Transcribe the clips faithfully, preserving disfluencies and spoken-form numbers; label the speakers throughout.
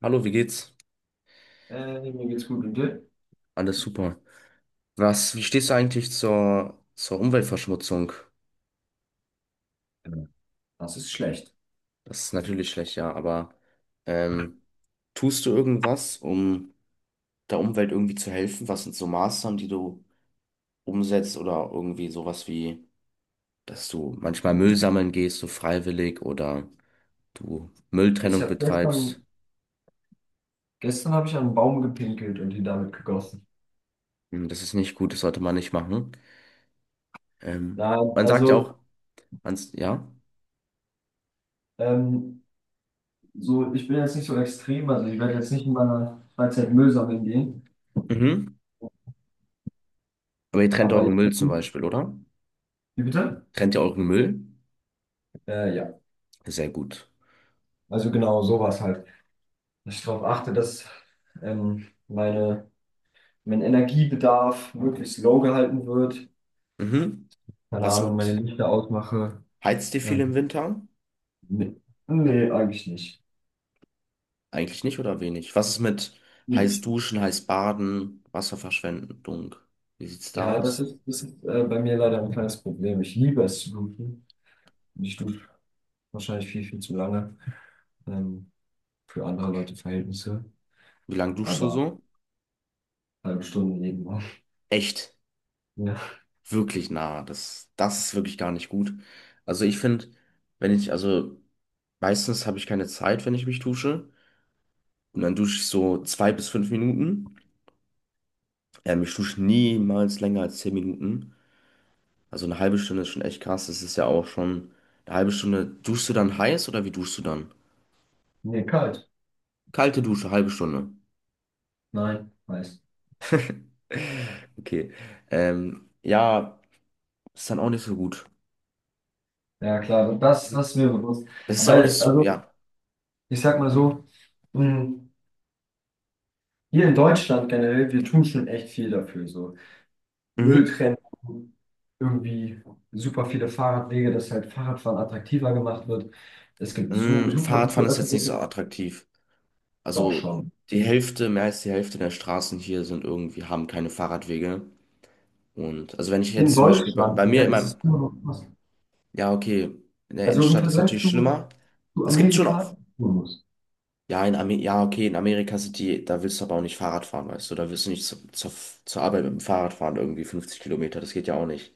Speaker 1: Hallo, wie geht's?
Speaker 2: Äh, mir geht's gut, und dir?
Speaker 1: Alles super. Was, wie stehst du eigentlich zur, zur Umweltverschmutzung?
Speaker 2: Ja. Das ist schlecht.
Speaker 1: Das ist natürlich schlecht, ja, aber ähm, tust du irgendwas, um der Umwelt irgendwie zu helfen? Was sind so Maßnahmen, die du umsetzt oder irgendwie sowas wie, dass du manchmal Müll sammeln gehst, so freiwillig oder du
Speaker 2: Ich
Speaker 1: Mülltrennung
Speaker 2: habe
Speaker 1: betreibst?
Speaker 2: gestern, gestern habe ich an einen Baum gepinkelt und ihn damit gegossen.
Speaker 1: Hm. Das ist nicht gut, das sollte man nicht machen. Ähm,
Speaker 2: Nein,
Speaker 1: man sagt ja auch,
Speaker 2: also
Speaker 1: ans- ja,
Speaker 2: ähm, so, ich bin jetzt nicht so extrem, also ich werde jetzt nicht in meiner Freizeit Müll sammeln gehen,
Speaker 1: mhm. Aber ihr trennt
Speaker 2: aber
Speaker 1: euren
Speaker 2: ich
Speaker 1: Müll zum
Speaker 2: versuche.
Speaker 1: Beispiel, oder?
Speaker 2: Wie bitte?
Speaker 1: Trennt ihr euren Müll?
Speaker 2: Äh, ja,
Speaker 1: Sehr gut.
Speaker 2: also genau sowas halt. Dass ich darauf achte, dass ähm, meine, mein Energiebedarf möglichst low gehalten wird.
Speaker 1: Mhm.
Speaker 2: Keine
Speaker 1: Was
Speaker 2: Ahnung, meine
Speaker 1: mit,
Speaker 2: Lichter ausmache.
Speaker 1: Heizt ihr viel im
Speaker 2: Ähm,
Speaker 1: Winter?
Speaker 2: nee, nee, eigentlich nicht.
Speaker 1: Eigentlich nicht oder wenig? Was ist mit heiß duschen, heiß baden, Wasserverschwendung? Wie sieht's da
Speaker 2: Ja, das
Speaker 1: aus?
Speaker 2: ist, das ist äh, bei mir leider ein kleines Problem. Ich liebe es zu duschen. Und ich dusche wahrscheinlich viel, viel zu lange ähm, für andere Leute Verhältnisse.
Speaker 1: Wie lange duschst du
Speaker 2: Aber
Speaker 1: so?
Speaker 2: halbe Stunde jeden Morgen.
Speaker 1: Echt,
Speaker 2: Ja.
Speaker 1: wirklich nah. Das, das ist wirklich gar nicht gut. Also ich finde, wenn ich, also meistens habe ich keine Zeit, wenn ich mich dusche. Und dann dusche ich so zwei bis fünf Minuten. Ähm, ich dusche niemals länger als zehn Minuten. Also eine halbe Stunde ist schon echt krass. Das ist ja auch schon eine halbe Stunde. Duschst du dann heiß oder wie duschst du dann?
Speaker 2: Nee, kalt.
Speaker 1: Kalte Dusche, halbe Stunde.
Speaker 2: Nein, heiß.
Speaker 1: Okay. Ähm, ja, ist dann auch nicht so gut.
Speaker 2: Ja, klar, das, das ist mir bewusst.
Speaker 1: Das ist
Speaker 2: Aber
Speaker 1: ja auch nicht so,
Speaker 2: also,
Speaker 1: ja.
Speaker 2: ich sag mal so, mh, hier in Deutschland generell, wir tun schon echt viel dafür. So
Speaker 1: Mhm.
Speaker 2: Mülltrennung, irgendwie super viele Fahrradwege, dass halt Fahrradfahren attraktiver gemacht wird. Es gibt so
Speaker 1: Mm,
Speaker 2: super
Speaker 1: Fahrradfahren
Speaker 2: gute
Speaker 1: ist jetzt nicht so
Speaker 2: öffentliche.
Speaker 1: attraktiv.
Speaker 2: Doch
Speaker 1: Also
Speaker 2: schon.
Speaker 1: die Hälfte, mehr als die Hälfte der Straßen hier sind irgendwie, haben keine Fahrradwege. Und also wenn ich
Speaker 2: In
Speaker 1: jetzt zum Beispiel bei,
Speaker 2: Deutschland,
Speaker 1: bei
Speaker 2: ja,
Speaker 1: mir in
Speaker 2: das
Speaker 1: meinem,
Speaker 2: ist immer noch krass.
Speaker 1: ja, okay, in der
Speaker 2: Also im
Speaker 1: Innenstadt ist
Speaker 2: Vergleich
Speaker 1: natürlich
Speaker 2: zu,
Speaker 1: schlimmer.
Speaker 2: zu
Speaker 1: Es gibt schon auch,
Speaker 2: Amerika, muss.
Speaker 1: ja, in Amer ja, okay, in Amerika sind die, da willst du aber auch nicht Fahrrad fahren, weißt du, da willst du nicht zu, zur, zur Arbeit mit dem Fahrrad fahren, irgendwie fünfzig Kilometer, das geht ja auch nicht.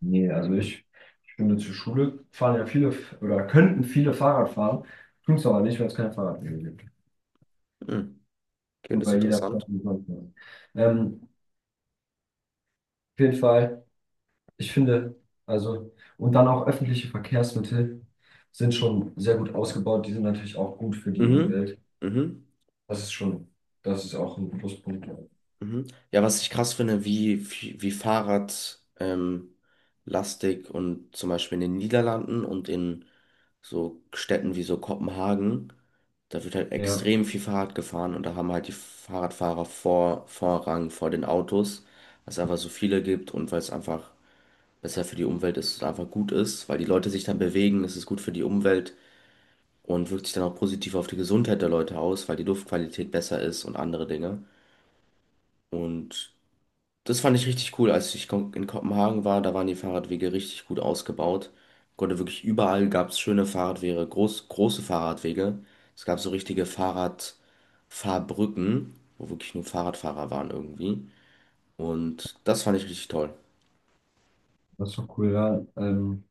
Speaker 2: Nee, also ich, ich finde, zur Schule fahren ja viele, oder könnten viele Fahrrad fahren, tun es aber nicht, weil es keine Fahrradwege gibt.
Speaker 1: Hm. Okay,
Speaker 2: Und
Speaker 1: das ist
Speaker 2: weil jeder fährt
Speaker 1: interessant.
Speaker 2: wie sonst was. Ähm, auf jeden Fall, ich finde, also, und dann auch öffentliche Verkehrsmittel sind schon sehr gut ausgebaut. Die sind natürlich auch gut für die
Speaker 1: Mhm,
Speaker 2: Umwelt.
Speaker 1: mhm,
Speaker 2: Das ist schon, das ist auch ein Pluspunkt.
Speaker 1: mhm. Ja, was ich krass finde, wie, wie, wie Fahrrad, ähm, lastig und zum Beispiel in den Niederlanden und in so Städten wie so Kopenhagen, da wird halt
Speaker 2: Ja,
Speaker 1: extrem viel Fahrrad gefahren und da haben halt die Fahrradfahrer vor, Vorrang vor den Autos, weil es einfach so viele gibt und weil es einfach besser für die Umwelt ist und einfach gut ist, weil die Leute sich dann bewegen, es ist gut für die Umwelt und wirkt sich dann auch positiv auf die Gesundheit der Leute aus, weil die Luftqualität besser ist und andere Dinge. Und das fand ich richtig cool. Als ich kon- in Kopenhagen war, da waren die Fahrradwege richtig gut ausgebaut. Konnte wirklich überall gab es schöne Fahrradwege, groß, große Fahrradwege. Es gab so richtige Fahrradfahrbrücken, wo wirklich nur Fahrradfahrer waren irgendwie. Und das fand ich richtig toll.
Speaker 2: das ist doch cool, ja. Ähm,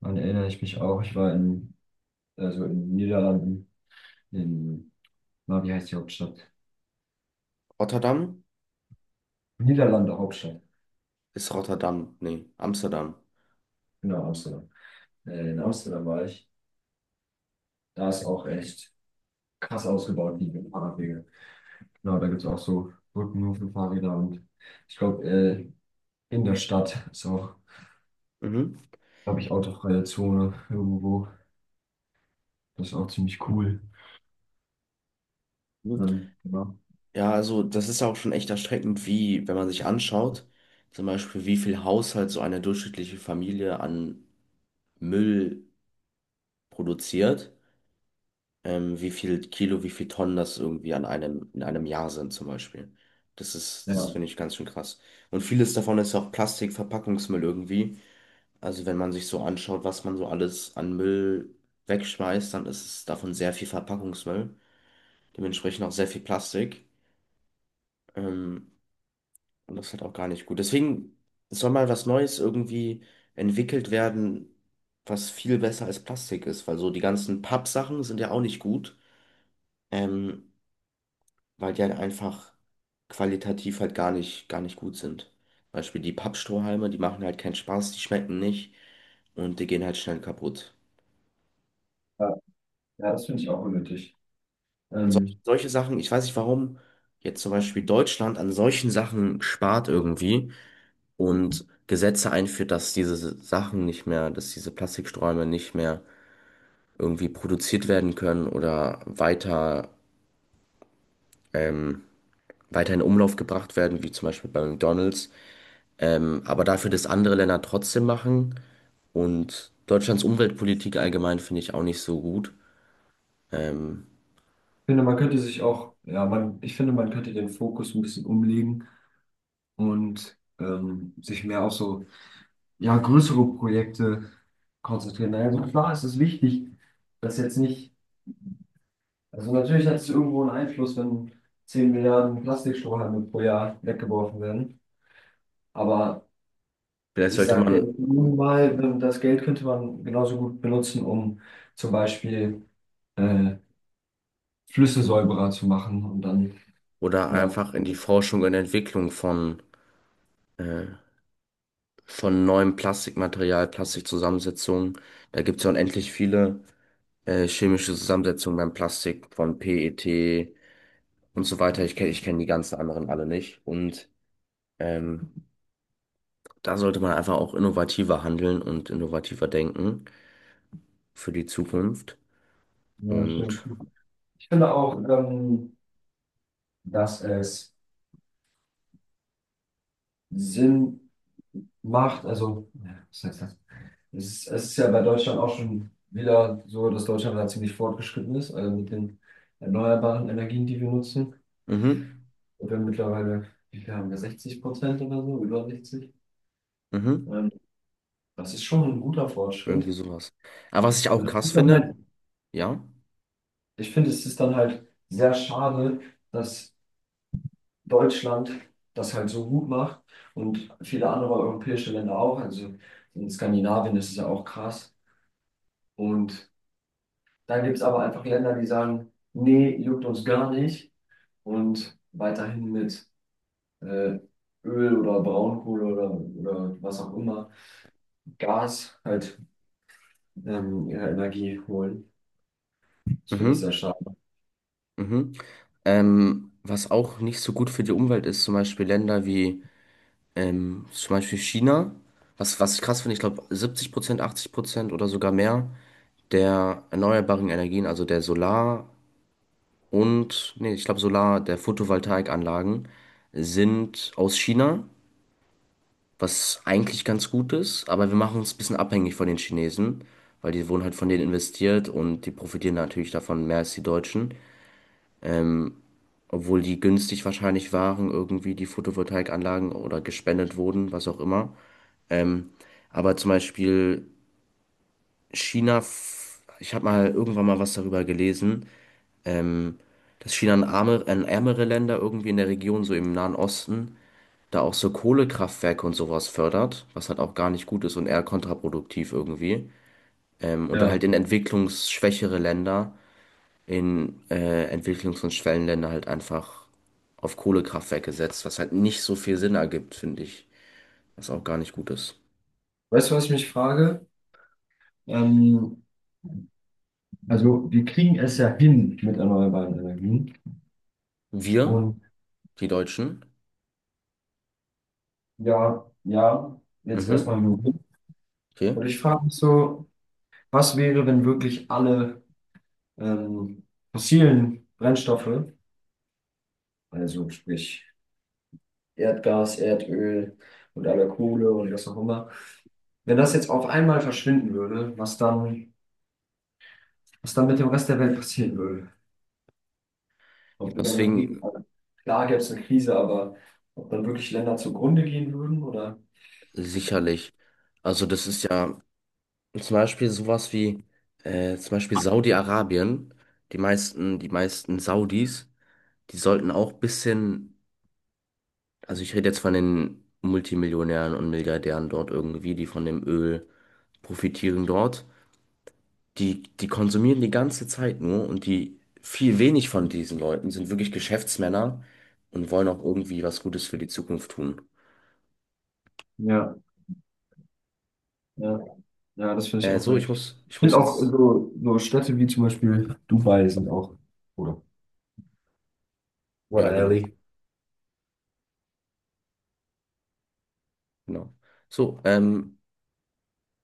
Speaker 2: daran erinnere ich mich auch. Ich war in, also in den Niederlanden, in, na, wie heißt die Hauptstadt?
Speaker 1: Rotterdam
Speaker 2: Niederlande Hauptstadt.
Speaker 1: ist Rotterdam, nee, Amsterdam.
Speaker 2: Genau, Amsterdam. Äh, in Amsterdam war ich. Da ist auch echt krass ausgebaut, die Fahrradwege. Genau, da gibt es auch so Brücken nur für Fahrräder, und ich glaube, äh, in der Stadt ist auch,
Speaker 1: Mhm.
Speaker 2: glaube ich, autofreie Zone irgendwo. Das ist auch ziemlich cool.
Speaker 1: Ja,
Speaker 2: Ähm, genau.
Speaker 1: also das ist ja auch schon echt erschreckend, wie, wenn man sich anschaut, zum Beispiel, wie viel Haushalt so eine durchschnittliche Familie an Müll produziert, ähm, wie viel Kilo, wie viel Tonnen das irgendwie an einem, in einem Jahr sind zum Beispiel. Das ist, das
Speaker 2: Ja,
Speaker 1: finde ich ganz schön krass. Und vieles davon ist ja auch Plastik, Verpackungsmüll irgendwie. Also wenn man sich so anschaut, was man so alles an Müll wegschmeißt, dann ist es davon sehr viel Verpackungsmüll, dementsprechend auch sehr viel Plastik. Ähm, Und das ist halt auch gar nicht gut. Deswegen soll mal was Neues irgendwie entwickelt werden, was viel besser als Plastik ist, weil so die ganzen Pappsachen sind ja auch nicht gut, ähm, weil die halt einfach qualitativ halt gar nicht, gar nicht gut sind. Zum Beispiel die Pappstrohhalme, die machen halt keinen Spaß, die schmecken nicht und die gehen halt schnell kaputt.
Speaker 2: ja, ja, das finde ich auch unnötig.
Speaker 1: Sol
Speaker 2: Ähm,
Speaker 1: solche Sachen, ich weiß nicht, warum jetzt zum Beispiel Deutschland an solchen Sachen spart irgendwie und Gesetze einführt, dass diese Sachen nicht mehr, dass diese Plastiksträume nicht mehr irgendwie produziert werden können oder weiter, ähm, weiter in Umlauf gebracht werden, wie zum Beispiel bei McDonald's. Ähm, aber dafür, dass andere Länder trotzdem machen und Deutschlands Umweltpolitik allgemein finde ich auch nicht so gut. Ähm,
Speaker 2: ich finde, man könnte sich auch, ja, man, ich finde, man könnte den Fokus ein bisschen umlegen und ähm, sich mehr auf so ja, größere Projekte konzentrieren. Also klar ist es wichtig, dass jetzt nicht, also natürlich hat es irgendwo einen Einfluss, wenn zehn Milliarden Plastikstrohhalme pro Jahr weggeworfen werden, aber
Speaker 1: vielleicht
Speaker 2: ich
Speaker 1: sollte
Speaker 2: sage, der
Speaker 1: man
Speaker 2: minimal, wenn das Geld könnte man genauso gut benutzen, um zum Beispiel äh, Flüsse säuberer zu machen und dann,
Speaker 1: oder
Speaker 2: ja,
Speaker 1: einfach in die Forschung und Entwicklung von, äh, von neuem Plastikmaterial, Plastikzusammensetzungen, da gibt es ja unendlich viele äh, chemische Zusammensetzung beim Plastik von P E T und so weiter. Ich kenne ich kenn die ganzen anderen alle nicht. Und ähm, da sollte man einfach auch innovativer handeln und innovativer denken für die Zukunft.
Speaker 2: ja, stimmt.
Speaker 1: Und
Speaker 2: Ich finde auch, ähm, dass es Sinn macht, also, ja, was heißt das? Es ist, es ist ja bei Deutschland auch schon wieder so, dass Deutschland da ziemlich fortgeschritten ist, also mit den erneuerbaren Energien, die wir nutzen.
Speaker 1: mhm,
Speaker 2: Und wir mittlerweile, wie viel haben wir, sechzig Prozent oder so, über sechzig.
Speaker 1: mhm,
Speaker 2: Ähm, das ist schon ein guter
Speaker 1: irgendwie
Speaker 2: Fortschritt.
Speaker 1: sowas. Aber was ich auch
Speaker 2: Und es
Speaker 1: krass
Speaker 2: ist dann
Speaker 1: finde,
Speaker 2: halt,
Speaker 1: ja,
Speaker 2: ich finde, es ist dann halt sehr schade, dass Deutschland das halt so gut macht und viele andere europäische Länder auch. Also in Skandinavien ist es ja auch krass. Und dann gibt es aber einfach Länder, die sagen, nee, juckt uns gar nicht, und weiterhin mit äh, Öl oder Braunkohle oder, oder was auch immer Gas halt ähm, ihre Energie holen. Das finde ich
Speaker 1: mhm,
Speaker 2: sehr schade.
Speaker 1: mhm. Ähm, was auch nicht so gut für die Umwelt ist, zum Beispiel Länder wie ähm, zum Beispiel China. Was, was ich krass finde, ich glaube siebzig Prozent, achtzig Prozent oder sogar mehr der erneuerbaren Energien, also der Solar- und, nee, ich glaube Solar, der Photovoltaikanlagen sind aus China, was eigentlich ganz gut ist, aber wir machen uns ein bisschen abhängig von den Chinesen, weil die wurden halt von denen investiert und die profitieren natürlich davon mehr als die Deutschen, obwohl die günstig wahrscheinlich waren, irgendwie die Photovoltaikanlagen oder gespendet wurden, was auch immer. Ähm, Aber zum Beispiel China, f- ich habe mal irgendwann mal was darüber gelesen, dass China an arme, an ärmere Länder irgendwie in der Region, so im Nahen Osten, da auch so Kohlekraftwerke und sowas fördert, was halt auch gar nicht gut ist und eher kontraproduktiv irgendwie. Ähm, und dann
Speaker 2: Ja.
Speaker 1: halt in entwicklungsschwächere Länder, in äh, Entwicklungs- und Schwellenländer halt einfach auf Kohlekraftwerke setzt, was halt nicht so viel Sinn ergibt, finde ich, was auch gar nicht gut ist.
Speaker 2: Weißt du, was ich mich frage? Ähm, also wir kriegen es ja hin mit erneuerbaren Energien.
Speaker 1: Wir,
Speaker 2: Und
Speaker 1: die Deutschen,
Speaker 2: ja, ja, jetzt
Speaker 1: mhm,
Speaker 2: erstmal nur hin.
Speaker 1: okay,
Speaker 2: Und ich frage mich so, was wäre, wenn wirklich alle ähm, fossilen Brennstoffe, also sprich Erdgas, Erdöl und aller Kohle und was auch immer. Wenn das jetzt auf einmal verschwinden würde, was dann, was dann mit dem Rest der Welt passieren würde? Ob wir dann eine riesen,
Speaker 1: deswegen
Speaker 2: klar gäbe es eine Krise, aber ob dann wirklich Länder zugrunde gehen würden oder?
Speaker 1: sicherlich. Also das ist ja zum Beispiel sowas wie äh, zum Beispiel Saudi-Arabien. Die meisten, die meisten Saudis, die sollten auch ein bisschen, also ich rede jetzt von den Multimillionären und Milliardären dort irgendwie, die von dem Öl profitieren dort. Die, die konsumieren die ganze Zeit nur und die viel wenig von diesen Leuten sind wirklich Geschäftsmänner und wollen auch irgendwie was Gutes für die Zukunft tun.
Speaker 2: Ja, ja, ja, das finde ich
Speaker 1: Äh,
Speaker 2: auch
Speaker 1: so, ich
Speaker 2: weg.
Speaker 1: muss,
Speaker 2: Ich
Speaker 1: ich muss
Speaker 2: finde auch
Speaker 1: jetzt,
Speaker 2: so, so Städte wie zum Beispiel Dubai sind auch, oder? What
Speaker 1: ja, genau,
Speaker 2: a
Speaker 1: genau. So, ähm,